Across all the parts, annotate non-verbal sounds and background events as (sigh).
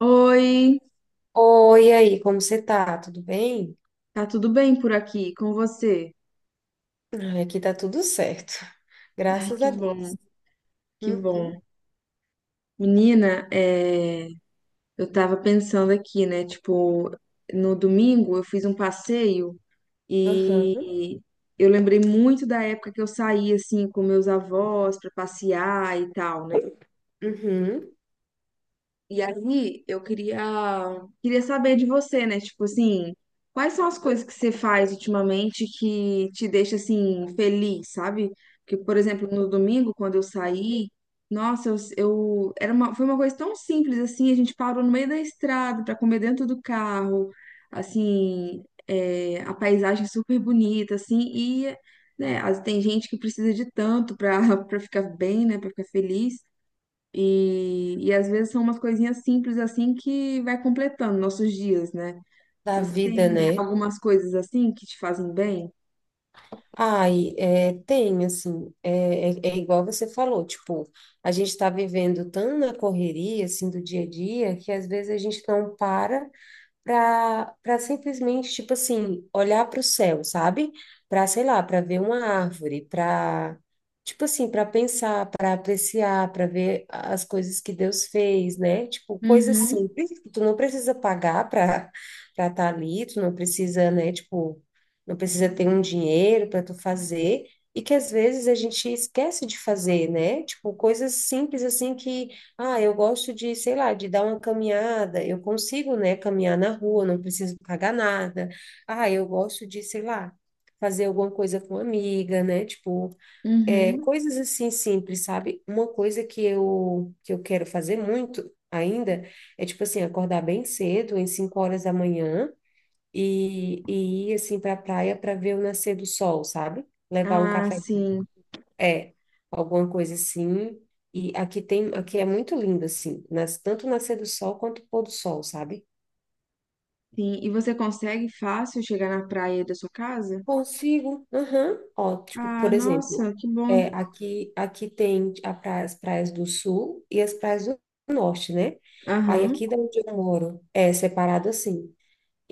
Oi, Oi, e aí, como você tá? Tudo bem? tá tudo bem por aqui com você? Ai, aqui tá tudo certo, (laughs) Ai, graças que a bom, Deus. que Uhum, bom. Menina, eu tava pensando aqui, né? Tipo, no domingo eu fiz um passeio aham, e eu lembrei muito da época que eu saía assim com meus avós pra passear e tal, né? uhum. E aí, queria saber de você, né? Tipo assim, quais são as coisas que você faz ultimamente que te deixa assim feliz, sabe? Porque, por exemplo, no domingo, quando eu saí, nossa, era uma, foi uma coisa tão simples assim, a gente parou no meio da estrada para comer dentro do carro, assim, é, a paisagem é super bonita, assim, e né, as- tem gente que precisa de tanto para (laughs) para ficar bem, né, para ficar feliz. E às vezes são umas coisinhas simples assim que vai completando nossos dias, né? Da Você vida, tem né? algumas coisas assim que te fazem bem? Ai, é, tem, assim, igual você falou, tipo, a gente tá vivendo tão na correria, assim, do dia a dia, que às vezes a gente não para para simplesmente, tipo assim, olhar para o céu, sabe? Para, sei lá, para ver uma árvore, para, tipo assim, para pensar, para apreciar, para ver as coisas que Deus fez, né? Tipo, coisas Uhum, simples, que tu não precisa pagar para estar ali, tu não precisa, né? Tipo, não precisa ter um dinheiro para tu fazer. E que às vezes a gente esquece de fazer, né? Tipo, coisas simples assim que ah, eu gosto de, sei lá, de dar uma caminhada. Eu consigo, né, caminhar na rua, não preciso pagar nada. Ah, eu gosto de, sei lá, fazer alguma coisa com amiga, né? Tipo, uhum. coisas assim simples, sabe? Uma coisa que eu quero fazer muito ainda é tipo assim, acordar bem cedo, em 5h da manhã e ir assim para a praia para ver o nascer do sol, sabe? Levar um Ah, café, sim, é, alguma coisa assim. E aqui tem, aqui é muito lindo, assim, nas, tanto nascer do sol quanto pôr do sol, sabe? sim. E você consegue fácil chegar na praia da sua casa? Consigo, aham. Ó, tipo, Ah, por exemplo, nossa, que bom. aqui tem as praias do sul e as praias do norte, né? Aí Aham. aqui da onde eu moro é separado assim.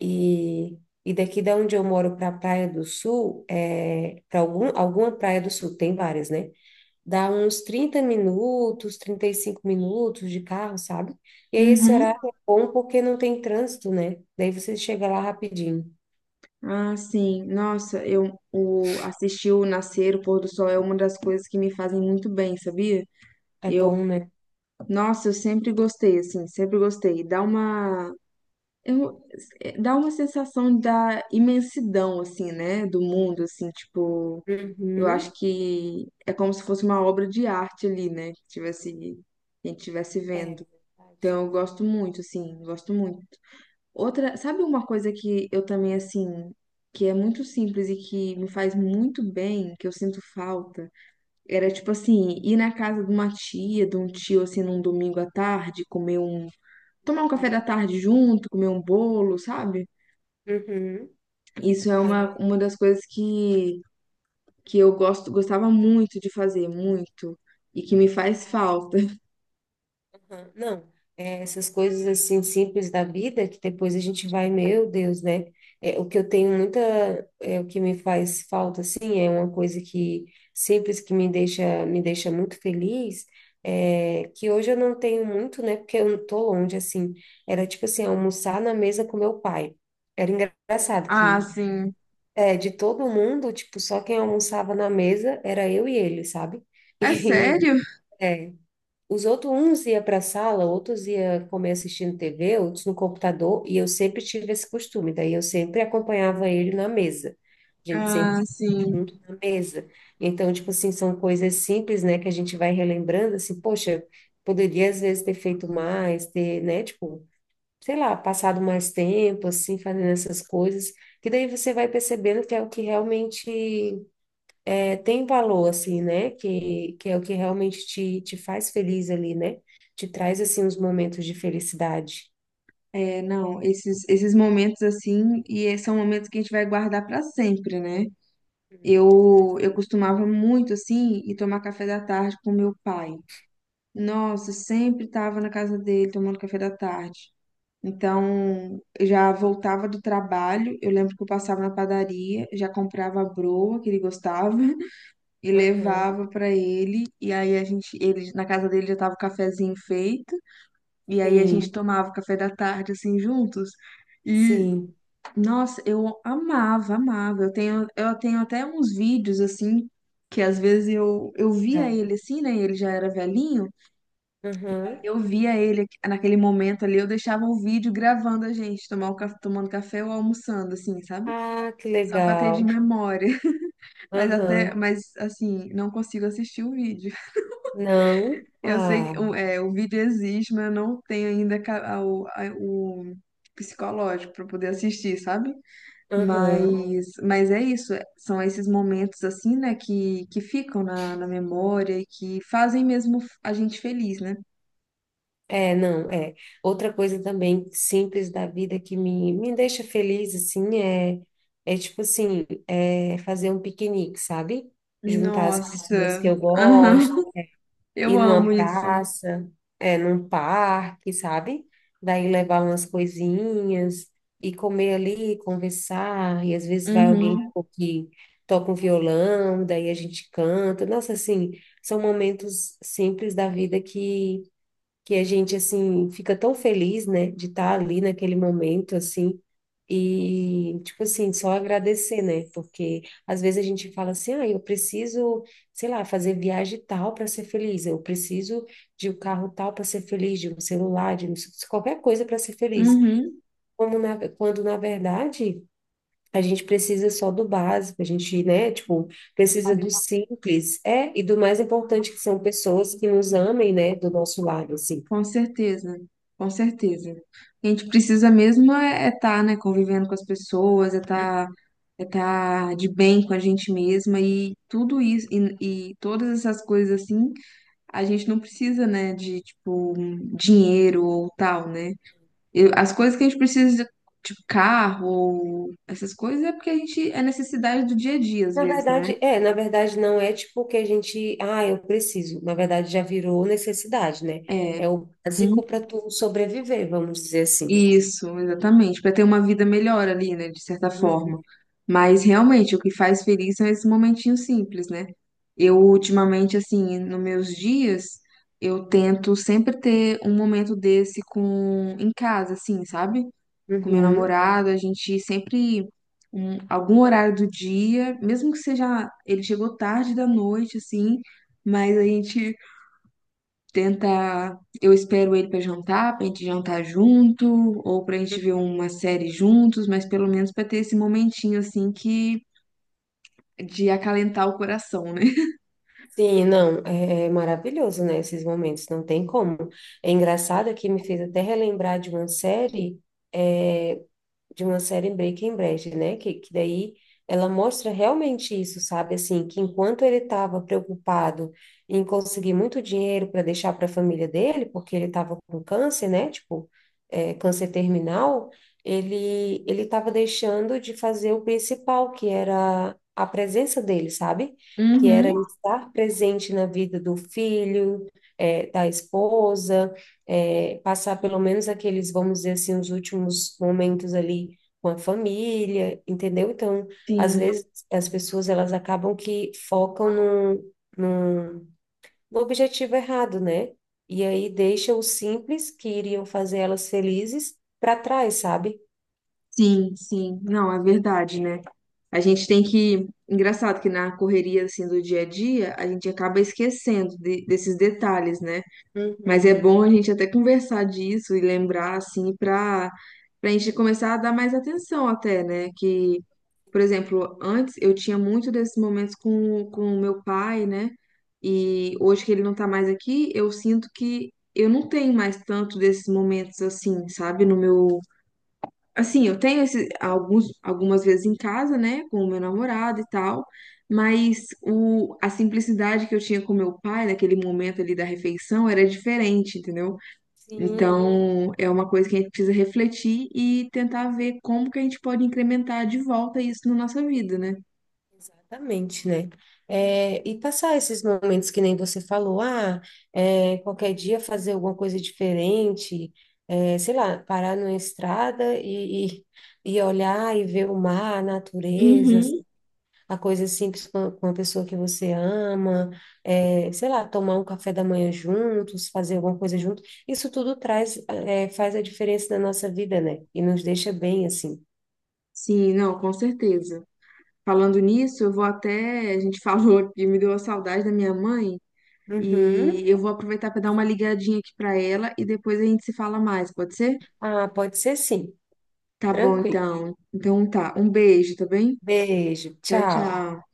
E, e daqui da onde eu moro para a Praia do Sul, é, para algum, alguma praia do sul, tem várias, né? Dá uns 30 minutos, 35 minutos de carro, sabe? E aí esse Uhum. horário é bom porque não tem trânsito, né? Daí você chega lá rapidinho. Ah, sim. Nossa, eu o, assistir o nascer, o pôr do sol é uma das coisas que me fazem muito bem, sabia? É Eu, bom, né? nossa, eu sempre gostei, assim, sempre gostei. Dá uma, eu, é, dá uma sensação da imensidão, assim, né, do mundo, assim, tipo, eu acho Uhum. que é como se fosse uma obra de arte ali, né, que tivesse, que a gente estivesse É vendo. verdade. Então, eu gosto muito, assim, gosto muito. Outra, sabe uma coisa que eu também, assim, que é muito simples e que me faz muito bem, que eu sinto falta? Era, tipo assim, ir na casa de uma tia, de um tio, assim, num domingo à tarde, comer um. Tomar um café da Uhum. tarde junto, comer um bolo, sabe? Uhum. Isso é Ai, é. uma das coisas que eu gosto, gostava muito de fazer, muito, e que me faz Ah, falta. aham, não, é, essas coisas assim simples da vida que depois a gente vai, meu Deus, né? É, o que eu tenho muita, o que me faz falta assim é uma coisa que simples que me deixa muito feliz, que hoje eu não tenho muito, né? Porque eu não tô longe assim. Era tipo assim almoçar na mesa com meu pai. Era engraçado Ah, que sim. De todo mundo, tipo, só quem almoçava na mesa era eu e ele, sabe? É (laughs) E sério? é, os outros, uns ia para a sala, outros ia comer assistindo TV, outros no computador, e eu sempre tive esse costume, daí eu sempre acompanhava ele na mesa. A gente sempre Ah, comia sim. junto na mesa. Então, tipo assim, são coisas simples, né, que a gente vai relembrando, assim, poxa, poderia às vezes ter feito mais, ter, né, tipo, sei lá, passado mais tempo, assim, fazendo essas coisas, que daí você vai percebendo que é o que realmente tem valor, assim, né? Que é o que realmente te, te faz feliz ali, né? Te traz, assim, os momentos de felicidade. É, não, esses momentos assim, e é- são momentos que a gente vai guardar pra sempre, né? Eu costumava muito assim ir tomar café da tarde com meu pai. Nossa, sempre estava na casa dele tomando café da tarde. Então, eu já voltava do trabalho, eu lembro que eu passava na padaria, já comprava a broa que ele gostava (laughs) e Uhum. levava para ele, e aí a gente, ele, na casa dele já tava o cafezinho feito, e aí a gente Sim, tomava o café da tarde assim juntos. sim. Nossa, eu amava, amava. Eu tenho até uns vídeos assim que às vezes eu via Tá. ele assim, né? Ele já era velhinho. Aham. Eu via ele naquele momento ali, eu deixava o vídeo gravando a gente tomar o, caf- tomando café ou almoçando, assim, sabe? Ah, que Só pra ter de legal. memória. (laughs) Mas até, Aham. mas assim, não consigo assistir o vídeo. Não. Eu sei Ah, que o, é, o vídeo existe, mas eu não tenho ainda ca- a- o psicológico pra poder assistir, sabe? aham. Mas é isso, é- são esses momentos assim, né, que ficam na, na memória e que fazem mesmo a gente feliz, né? É, não, é. Outra coisa também simples da vida que me deixa feliz, assim, tipo assim, é fazer um piquenique, sabe? Juntar as pessoas Nossa, que eu aham. gosto (laughs) Eu ir amo numa isso. praça, é, num parque, sabe? Daí levar umas coisinhas e comer ali, conversar, e às vezes vai alguém Uhum, que toca um violão, daí a gente canta. Nossa, assim, são momentos simples da vida que a gente assim fica tão feliz, né, de estar ali naquele momento assim e tipo assim, só agradecer, né? Porque às vezes a gente fala assim: "Ah, eu preciso, sei lá, fazer viagem tal para ser feliz, eu preciso de um carro tal para ser feliz, de um celular, qualquer coisa para ser feliz". uhum, Quando na verdade a gente precisa só do básico, a gente, né, tipo, precisa sim, do simples, é, e do mais importante que são pessoas que nos amem, né, do nosso lado, assim. com certeza, com certeza. A gente precisa mesmo é estar, né, convivendo com as pessoas, é estar é tá de bem com a gente mesma e tudo isso, e todas essas coisas assim. A gente não precisa, né, de, tipo, dinheiro ou tal, né? Eu- as coisas que a gente precisa, tipo, carro ou essas coisas, é porque a gente é necessidade do dia a dia, às Na vezes, né? verdade, é, na verdade não é tipo que a gente, ah, eu preciso. Na verdade já virou necessidade, né? É. É o Hum. básico para tu sobreviver, vamos dizer assim. Isso, exatamente, para ter uma vida melhor ali, né, de certa Uhum. forma. Mas realmente o que faz feliz são esses momentinhos simples, né? Eu ultimamente, assim, nos meus dias, eu tento sempre ter um momento desse com em casa, assim, sabe? Com meu Uhum. namorado, a gente sempre, um- algum horário do dia, mesmo que seja, ele chegou tarde da noite, assim, mas a gente tenta, eu espero ele pra jantar, pra gente jantar junto, ou pra gente ver uma série juntos, mas pelo menos pra ter esse momentinho, assim, que, de acalentar o coração, né? Sim, não, é maravilhoso, né, esses momentos, não tem como. É engraçado que me fez até relembrar é, de uma série Breaking Bad, né? Que daí ela mostra realmente isso, sabe? Assim, que enquanto ele estava preocupado em conseguir muito dinheiro para deixar para a família dele, porque ele estava com câncer, né? Tipo, câncer terminal, ele estava deixando de fazer o principal, que era a presença dele, sabe? Que era Uhum, estar presente na vida do filho, da esposa, passar pelo menos aqueles, vamos dizer assim, os últimos momentos ali com a família, entendeu? Então, às sim. vezes as pessoas elas acabam que focam no objetivo errado, né? E aí deixa o simples que iriam fazer elas felizes para trás, sabe? Sim, sim. Não, é verdade, né? A gente tem que. Engraçado que na correria assim do dia a dia, a gente acaba esquecendo de- desses detalhes, né? Mas é Uhum. bom a gente até conversar disso e lembrar assim para a gente começar a dar mais atenção até, né? Que, por exemplo, antes eu tinha muito desses momentos com o meu pai, né? E hoje que ele não tá mais aqui, eu sinto que eu não tenho mais tanto desses momentos assim, sabe, no meu. Assim, eu tenho esse, algumas vezes em casa, né, com o meu namorado e tal, mas o, a simplicidade que eu tinha com meu pai naquele momento ali da refeição era diferente, entendeu? Sim. Então, é uma coisa que a gente precisa refletir e tentar ver como que a gente pode incrementar de volta isso na nossa vida, né? Exatamente, né? É, e passar esses momentos que nem você falou, ah, qualquer dia fazer alguma coisa diferente, sei lá, parar numa estrada e olhar e ver o mar, a natureza, Uhum. a coisa simples com a pessoa que você ama, sei lá, tomar um café da manhã juntos, fazer alguma coisa junto, isso tudo faz a diferença na nossa vida, né? E nos deixa bem assim. Sim, não, com certeza. Falando nisso, eu vou até. A gente (laughs) falou aqui, me deu a saudade da minha mãe. E Uhum. eu vou aproveitar para dar uma ligadinha aqui para ela e depois a gente se fala mais, pode ser? Ah, pode ser sim, Tá bom, tranquilo. então. Então tá. Um beijo, tá bem? Beijo, Tchau, tchau. tchau.